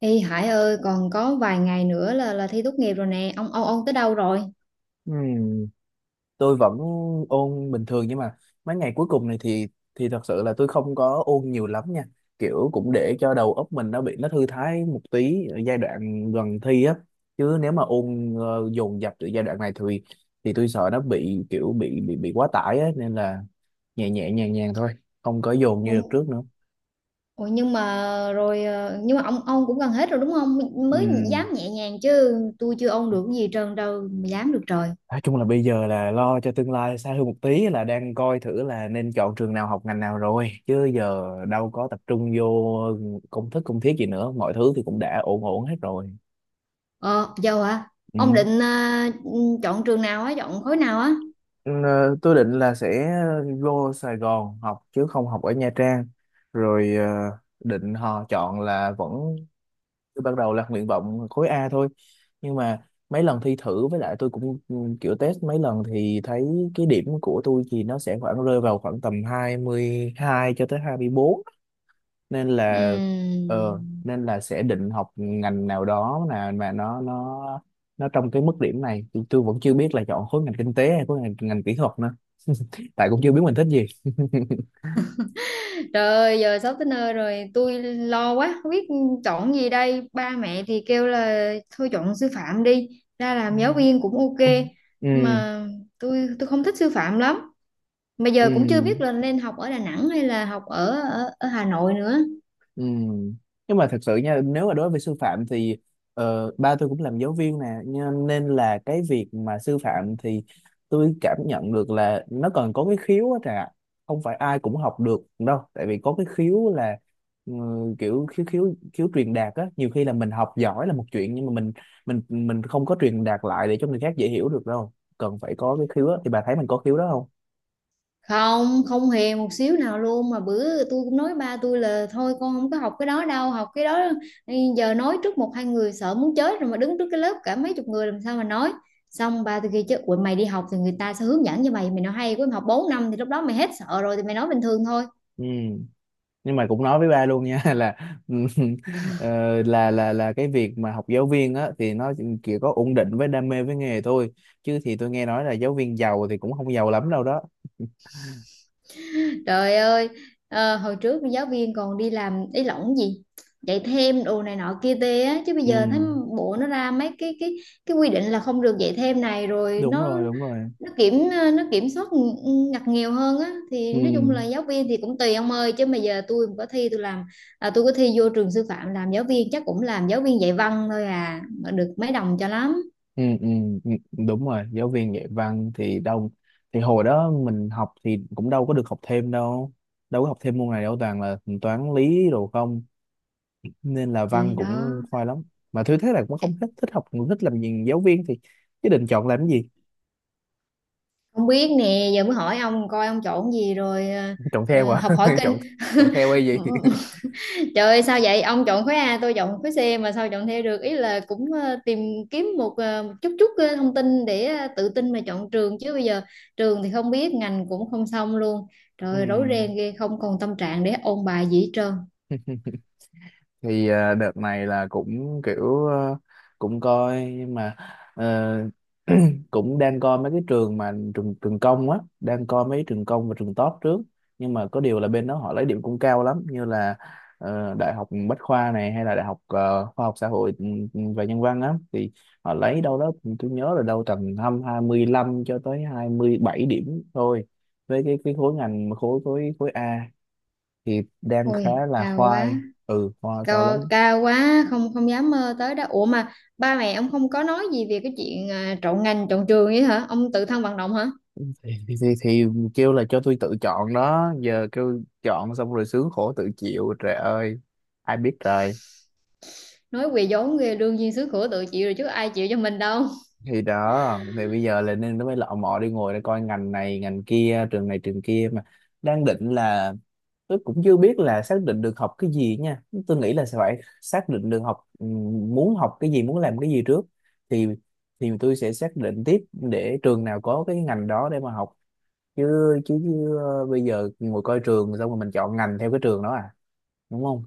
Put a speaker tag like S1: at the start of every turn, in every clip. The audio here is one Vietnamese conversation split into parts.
S1: Ê Hải ơi, còn có vài ngày nữa là thi tốt nghiệp rồi nè. Ông tới đâu rồi?
S2: Ừm, tôi vẫn ôn bình thường, nhưng mà mấy ngày cuối cùng này thì thật sự là tôi không có ôn nhiều lắm nha, kiểu cũng để cho đầu óc mình nó nó thư thái một tí ở giai đoạn gần thi á. Chứ nếu mà ôn dồn dập từ giai đoạn này thì tôi sợ nó bị kiểu bị quá tải á, nên là nhẹ nhẹ nhàng nhàng thôi, không có dồn như đợt
S1: Ủa,
S2: trước
S1: ủa, nhưng mà rồi nhưng mà ông cũng gần hết rồi đúng không? Mới
S2: nữa.
S1: dám nhẹ nhàng chứ tôi chưa ông được cái gì trơn đâu mà dám được trời.
S2: Nói chung là bây giờ là lo cho tương lai xa hơn một tí, là đang coi thử là nên chọn trường nào, học ngành nào rồi, chứ giờ đâu có tập trung vô công thức công thiết gì nữa, mọi thứ thì cũng đã ổn ổn hết rồi.
S1: Ờ, dâu hả?
S2: Ừ.
S1: Ông định chọn trường nào á, chọn khối nào á?
S2: Ừ, tôi định là sẽ vô Sài Gòn học chứ không học ở Nha Trang. Rồi định họ chọn là vẫn, tôi ban đầu là nguyện vọng khối A thôi, nhưng mà mấy lần thi thử với lại tôi cũng kiểu test mấy lần thì thấy cái điểm của tôi thì nó sẽ khoảng rơi vào khoảng tầm 22 cho tới hai mươi bốn, nên là
S1: Ừm.
S2: nên là sẽ định học ngành nào đó là mà nó trong cái mức điểm này. Tôi vẫn chưa biết là chọn khối ngành kinh tế hay ngành kỹ thuật nữa tại cũng chưa biết mình thích gì.
S1: Trời ơi, giờ sắp tới nơi rồi, tôi lo quá, không biết chọn gì đây. Ba mẹ thì kêu là thôi chọn sư phạm đi, ra làm giáo viên cũng ok.
S2: Ừ.
S1: Mà tôi không thích sư phạm lắm. Mà
S2: ừ
S1: giờ cũng chưa biết là nên học ở Đà Nẵng hay là học ở ở, ở Hà Nội nữa.
S2: Ừ. Nhưng mà thật sự nha, nếu mà đối với sư phạm thì ba tôi cũng làm giáo viên nè nhưng- nên là cái việc mà sư phạm thì tôi cảm nhận được là nó còn có cái khiếu á trà, không phải ai cũng học được đâu, tại vì có cái khiếu là ừ, kiểu khiếu khiếu khiếu truyền đạt á. Nhiều khi là mình học giỏi là một chuyện, nhưng mà mình mình không có truyền đạt lại để cho người khác dễ hiểu được đâu, cần phải có cái khiếu á. Thì bà thấy mình có khiếu đó không?
S1: Không không hề một xíu nào luôn, mà bữa tôi cũng nói ba tôi là thôi con không có học cái đó đâu, học cái đó giờ nói trước một hai người sợ muốn chết rồi, mà đứng trước cái lớp cả mấy chục người làm sao mà nói. Xong ba tôi kêu chứ: "Ủa, mày đi học thì người ta sẽ hướng dẫn cho mày mày nói hay quá, mày học 4 năm thì lúc đó mày hết sợ rồi thì mày nói bình thường thôi."
S2: Ừ, nhưng mà cũng nói với ba luôn nha, là ờ, là cái việc mà học giáo viên á thì nó chỉ có ổn định với đam mê với nghề thôi, chứ thì tôi nghe nói là giáo viên giàu thì cũng không giàu lắm đâu đó.
S1: Trời ơi, hồi trước giáo viên còn đi làm ý lỏng gì, dạy thêm đồ này nọ kia tê á, chứ bây
S2: Ừ,
S1: giờ thấy bộ nó ra mấy cái quy định là không được dạy thêm này, rồi
S2: đúng
S1: nó
S2: rồi, đúng rồi.
S1: nó nó kiểm soát ngặt nghèo hơn á. Thì
S2: ừ
S1: nói chung là giáo viên thì cũng tùy ông ơi, chứ mà giờ tôi mà có thi, tôi có thi vô trường sư phạm làm giáo viên chắc cũng làm giáo viên dạy văn thôi, à mà được mấy đồng cho lắm.
S2: ừ ừ ừ, đúng rồi, giáo viên dạy văn thì đâu, thì hồi đó mình học thì cũng đâu có được học thêm đâu, đâu có học thêm môn này đâu, toàn là toán lý đồ không, nên là
S1: Thì
S2: văn
S1: đó.
S2: cũng khoai lắm. Mà thứ thế là cũng không thích, thích học thích làm gì giáo viên, thì chứ định chọn làm cái gì?
S1: Không biết nè, giờ mới hỏi ông coi ông chọn gì rồi
S2: Chọn theo à?
S1: học hỏi kinh.
S2: Chọn, chọn theo hay gì?
S1: Trời ơi sao vậy? Ông chọn khối A, tôi chọn khối C mà sao chọn theo được? Ý là cũng tìm kiếm một một chút chút thông tin để tự tin mà chọn trường, chứ bây giờ trường thì không biết, ngành cũng không xong luôn. Trời
S2: Ừ.
S1: ơi, rối ren ghê, không còn tâm trạng để ôn bài gì hết trơn.
S2: Thì đợt này là cũng kiểu cũng coi nhưng mà ờ, cũng đang coi mấy cái trường mà trường trường công á, đang coi mấy trường công và trường top trước. Nhưng mà có điều là bên đó họ lấy điểm cũng cao lắm, như là đại học Bách khoa này, hay là đại học khoa học xã hội và nhân văn á, thì họ lấy đâu đó tôi nhớ là đâu tầm hăm 25 cho tới 27 điểm thôi, với cái khối ngành khối khối khối A thì đang khá
S1: Ôi,
S2: là
S1: cao quá.
S2: khoai. Ừ, khoai, cao
S1: Cao,
S2: lắm.
S1: cao quá, không không dám mơ tới đó. Ủa mà ba mẹ ông không có nói gì về cái chuyện chọn ngành, chọn trường vậy hả? Ông tự thân vận động hả?
S2: Thì kêu là cho tôi tự chọn đó, giờ kêu chọn xong rồi sướng khổ tự chịu, trời ơi, ai biết trời.
S1: Nói quỳ vốn ghê, đương nhiên xứ khổ tự chịu rồi chứ ai chịu cho mình đâu.
S2: Thì đó, thì bây giờ là nên nó mới lọ mọ đi ngồi để coi ngành này ngành kia, trường này trường kia mà. Đang định là tôi cũng chưa biết là xác định được học cái gì nha, tôi nghĩ là sẽ phải xác định được học muốn học cái gì, muốn làm cái gì trước, thì tôi sẽ xác định tiếp để trường nào có cái ngành đó để mà học. Chứ chứ, chứ ờ, bây giờ ngồi coi trường xong rồi mình chọn ngành theo cái trường đó à? Đúng không?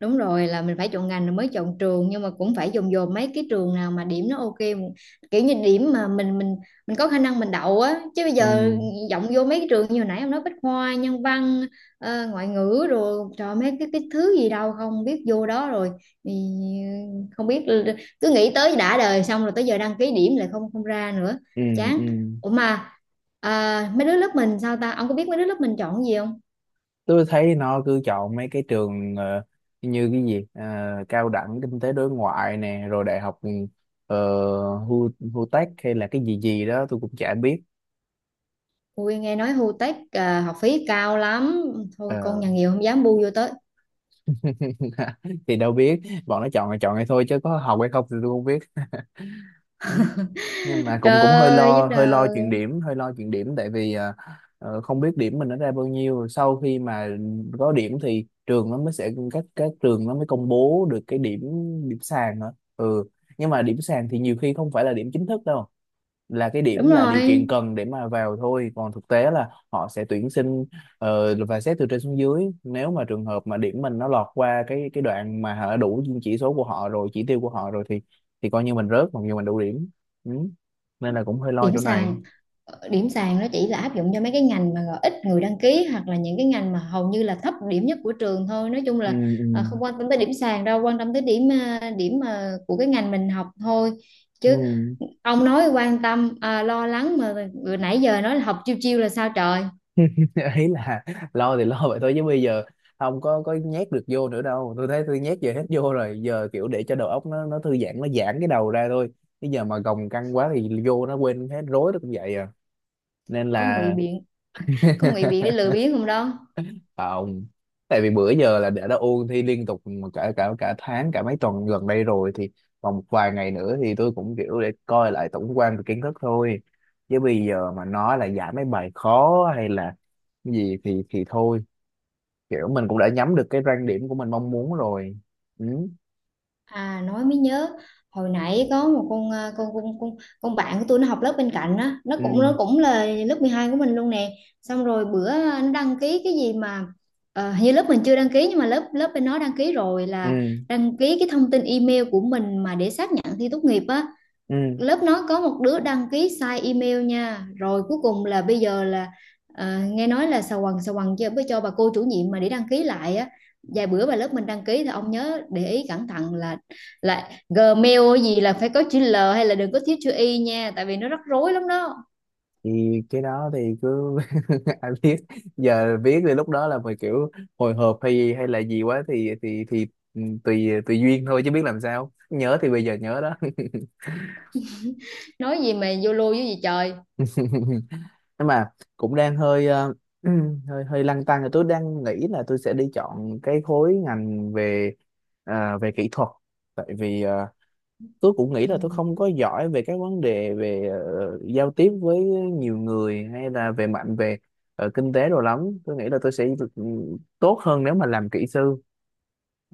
S1: Đúng rồi, là mình phải chọn ngành rồi mới chọn trường, nhưng mà cũng phải dồn dồn mấy cái trường nào mà điểm nó ok, kiểu như điểm mà mình có khả năng mình đậu á. Chứ bây
S2: ừ
S1: giờ vọng vô mấy cái trường như hồi nãy ông nói Bách Khoa, nhân văn, ngoại ngữ rồi trời, mấy cái thứ gì đâu không biết, vô đó rồi thì không biết, cứ nghĩ tới đã đời xong rồi tới giờ đăng ký điểm lại không không ra nữa.
S2: ừ
S1: Chán.
S2: ừ.
S1: Ủa mà mấy đứa lớp mình sao ta, ông có biết mấy đứa lớp mình chọn gì không?
S2: Tôi thấy nó cứ chọn mấy cái trường như cái gì, ờ, cao đẳng kinh tế đối ngoại nè, rồi đại học ờ, Hu Hu Tech hay là cái gì gì đó, tôi cũng chả biết.
S1: Ui nghe nói Hu Tech à, học phí cao lắm. Thôi con
S2: Ờ,
S1: nhà nghèo không dám bu vô tới.
S2: thì đâu biết, bọn nó chọn là chọn hay thôi chứ có học hay không thì tôi không biết. Nhưng mà cũng
S1: Trời
S2: cũng hơi
S1: ơi giúp
S2: lo,
S1: đời.
S2: hơi lo chuyện điểm, tại vì không biết điểm mình nó ra bao nhiêu. Sau khi mà có điểm thì trường nó mới sẽ, các trường nó mới công bố được cái điểm, điểm sàn hả. Ừ, nhưng mà điểm sàn thì nhiều khi không phải là điểm chính thức đâu, là cái
S1: Đúng
S2: điểm là điều
S1: rồi.
S2: kiện cần để mà vào thôi, còn thực tế là họ sẽ tuyển sinh và xét từ trên xuống dưới. Nếu mà trường hợp mà điểm mình nó lọt qua cái đoạn mà họ đã đủ chỉ số của họ rồi, chỉ tiêu của họ rồi, thì coi như mình rớt, còn như mình đủ điểm. Ừ. Nên là cũng hơi lo
S1: Điểm
S2: chỗ này.
S1: sàn. Ờ, điểm sàn nó chỉ là áp dụng cho mấy cái ngành mà gọi ít người đăng ký, hoặc là những cái ngành mà hầu như là thấp điểm nhất của trường thôi. Nói chung
S2: ừ,
S1: là
S2: ừ,
S1: không quan tâm tới điểm sàn đâu, quan tâm tới điểm à, điểm à, của cái ngành mình học thôi. Chứ
S2: ừ.
S1: ông nói quan tâm à, lo lắng mà nãy giờ nói là học chiêu chiêu là sao trời.
S2: Ý là lo thì lo vậy thôi chứ bây giờ không có nhét được vô nữa đâu, tôi thấy tôi nhét giờ hết vô rồi, giờ kiểu để cho đầu óc nó thư giãn, nó giãn cái đầu ra thôi. Bây giờ mà gồng căng quá thì vô nó quên hết rối nó cũng vậy à, nên
S1: Có ngụy
S2: là
S1: biện. Có ngụy biện để lừa biếng không đó.
S2: không, tại vì bữa giờ là đã ôn thi liên tục mà cả cả cả tháng, cả mấy tuần gần đây rồi, thì còn một vài ngày nữa thì tôi cũng kiểu để coi lại tổng quan về kiến thức thôi, chứ bây giờ mà nói là giải mấy bài khó hay là gì thì thôi, kiểu mình cũng đã nhắm được cái rang điểm của mình mong muốn rồi. ừ
S1: À nói mới nhớ, hồi nãy có một con à, con con bạn của tôi nó học lớp bên cạnh á,
S2: ừ
S1: nó cũng là lớp 12 của mình luôn nè. Xong rồi bữa nó đăng ký cái gì mà hình như lớp mình chưa đăng ký, nhưng mà lớp lớp bên nó đăng ký rồi, là
S2: ừ
S1: đăng ký cái thông tin email của mình mà để xác nhận thi tốt nghiệp á.
S2: ừ.
S1: Lớp nó có một đứa đăng ký sai email nha, rồi cuối cùng là bây giờ là nghe nói là xà quần cho với cho bà cô chủ nhiệm mà để đăng ký lại á. Vài bữa bà lớp mình đăng ký thì ông nhớ để ý cẩn thận là Gmail gì là phải có chữ L hay là đừng có thiếu chữ Y nha, tại vì nó rắc rối lắm đó.
S2: Thì cái đó thì cứ ai biết, giờ viết thì lúc đó là mình kiểu hồi hộp hay gì, hay là gì quá thì ừ, tùy tùy duyên thôi, chứ biết làm sao, nhớ thì bây giờ nhớ đó.
S1: Nói gì mà vô lô với gì trời.
S2: Nhưng mà cũng đang hơi hơi hơi lăn tăn là tôi đang nghĩ là tôi sẽ đi chọn cái khối ngành về về kỹ thuật, tại vì tôi cũng nghĩ
S1: Ừ.
S2: là tôi không có giỏi về các vấn đề về giao tiếp với nhiều người, hay là về mạnh về kinh tế đồ lắm. Tôi nghĩ là tôi sẽ được, ừ, tốt hơn nếu mà làm kỹ sư,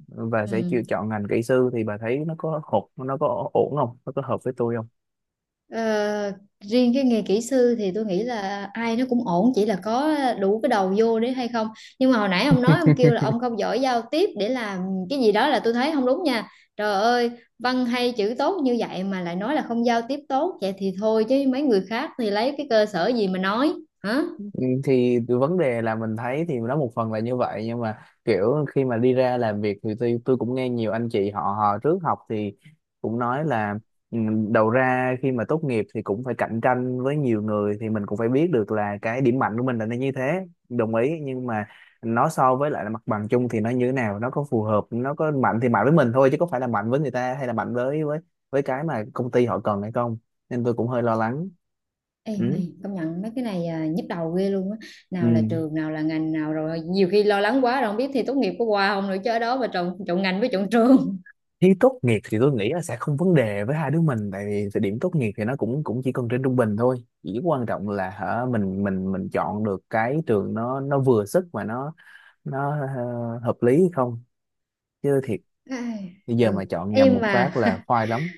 S2: và sẽ chịu
S1: Ừ.
S2: chọn ngành kỹ sư. Thì bà thấy nó có hột, nó có ổn không, nó có hợp với tôi không?
S1: Ờ, riêng cái nghề kỹ sư thì tôi nghĩ là ai nó cũng ổn, chỉ là có đủ cái đầu vô đấy hay không. Nhưng mà hồi nãy ông nói ông kêu là ông không giỏi giao tiếp để làm cái gì đó là tôi thấy không đúng nha. Trời ơi, văn hay chữ tốt như vậy mà lại nói là không giao tiếp tốt, vậy thì thôi chứ mấy người khác thì lấy cái cơ sở gì mà nói hả?
S2: Ừ, thì cái vấn đề là mình thấy thì nó một phần là như vậy, nhưng mà kiểu khi mà đi ra làm việc thì tôi cũng nghe nhiều anh chị họ, họ trước học thì cũng nói là ừ, đầu ra khi mà tốt nghiệp thì cũng phải cạnh tranh với nhiều người, thì mình cũng phải biết được là cái điểm mạnh của mình là nó như thế, đồng ý, nhưng mà nó so với lại là mặt bằng chung thì nó như thế nào, nó có phù hợp, nó có mạnh thì mạnh với mình thôi, chứ có phải là mạnh với người ta hay là mạnh với với cái mà công ty họ cần hay không. Nên tôi cũng hơi lo lắng.
S1: Ê
S2: Ừ.
S1: mày công nhận mấy cái này à, nhức đầu ghê luôn á,
S2: Ừ.
S1: nào là trường nào là ngành nào, rồi nhiều khi lo lắng quá rồi không biết thi tốt nghiệp có qua không nữa, chứ ở đó mà trộn trộn ngành với trộn trường.
S2: Thi tốt nghiệp thì tôi nghĩ là sẽ không vấn đề với hai đứa mình, tại vì thời điểm tốt nghiệp thì nó cũng cũng chỉ cần trên trung bình thôi. Chỉ quan trọng là hả, mình chọn được cái trường nó vừa sức mà nó nó hợp lý hay không, chứ thiệt
S1: Ai,
S2: bây giờ mà
S1: ừ
S2: chọn nhầm
S1: em
S2: một phát
S1: mà
S2: là khoai lắm.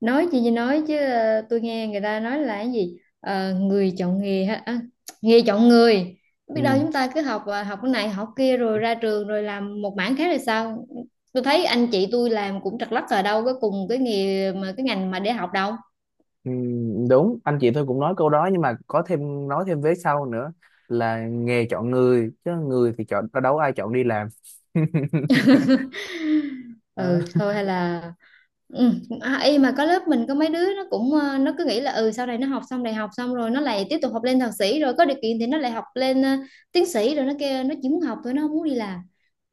S1: nói gì thì nói, chứ tôi nghe người ta nói là cái gì, ờ, người chọn nghề ha nghề chọn người. Biết đâu
S2: Ừ.
S1: chúng ta cứ học học cái này học kia rồi ra trường rồi làm một mảng khác là sao. Tôi thấy anh chị tôi làm cũng trật lất ở đâu có cùng cái nghề mà cái ngành mà để học đâu.
S2: Ừ, đúng, anh chị tôi cũng nói câu đó, nhưng mà có thêm nói thêm vế sau nữa, là nghề chọn người chứ người thì chọn đâu, ai chọn đi làm. Đó.
S1: Ừ thôi hay là ừ. Y mà có lớp mình có mấy đứa nó cũng nó cứ nghĩ là ừ sau này nó học xong đại học xong rồi nó lại tiếp tục học lên thạc sĩ, rồi có điều kiện thì nó lại học lên tiến sĩ, rồi nó kêu nó chỉ muốn học thôi nó không muốn đi làm.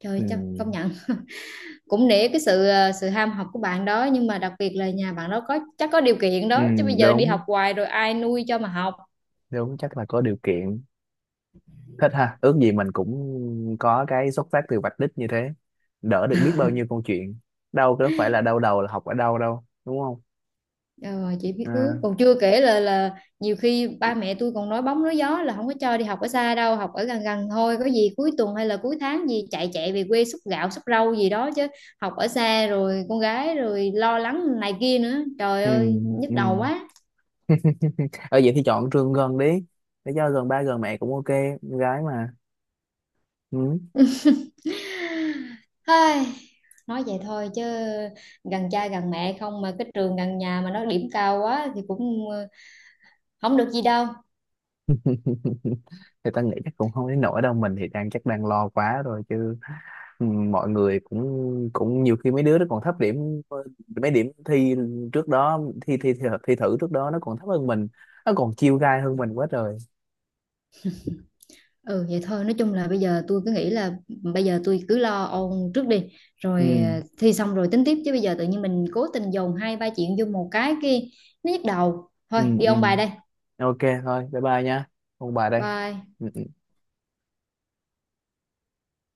S1: Trời chắc
S2: Ừ.
S1: công nhận, cũng nể cái sự sự ham học của bạn đó, nhưng mà đặc biệt là nhà bạn đó có chắc có điều kiện
S2: Ừ,
S1: đó, chứ bây giờ đi
S2: đúng,
S1: học hoài rồi ai nuôi cho mà học.
S2: chắc là có điều kiện. Thích ha, ước gì mình cũng có cái xuất phát từ vạch đích như thế, đỡ được biết bao nhiêu câu chuyện, đâu có phải là đau đầu là học ở đâu đâu, đúng không?
S1: Ờ, chỉ biết
S2: à,
S1: ước còn chưa kể là nhiều khi ba mẹ tôi còn nói bóng nói gió là không có cho đi học ở xa đâu, học ở gần gần thôi, có gì cuối tuần hay là cuối tháng gì chạy chạy về quê xúc gạo xúc rau gì đó, chứ học ở xa rồi con gái rồi lo lắng này kia nữa trời
S2: ừ,
S1: ơi nhức
S2: ừ.
S1: đầu quá.
S2: Ở vậy thì chọn trường gần đi, để cho gần ba gần mẹ cũng ok, con gái mà. Ừ.
S1: Ai, nói vậy thôi chứ gần cha gần mẹ không mà cái trường gần nhà mà nó điểm cao quá thì cũng không được gì đâu.
S2: Thì ta nghĩ chắc cũng không đến nỗi đâu, mình thì đang chắc đang lo quá rồi chứ. Ừ, mọi người cũng cũng nhiều khi mấy đứa nó còn thấp điểm, mấy điểm thi trước đó, thi thử trước đó nó còn thấp hơn mình, nó còn chiêu gai hơn mình quá trời.
S1: Ừ vậy thôi, nói chung là bây giờ tôi cứ nghĩ là bây giờ tôi cứ lo ôn trước đi,
S2: ừ
S1: rồi thi xong rồi tính tiếp, chứ bây giờ tự nhiên mình cố tình dồn hai ba chuyện vô một cái kia nó nhức đầu thôi. Đi
S2: ừ.
S1: ôn bài đây.
S2: Ok, thôi, bye bye nha, ông bà đây.
S1: Bye.
S2: Ừ.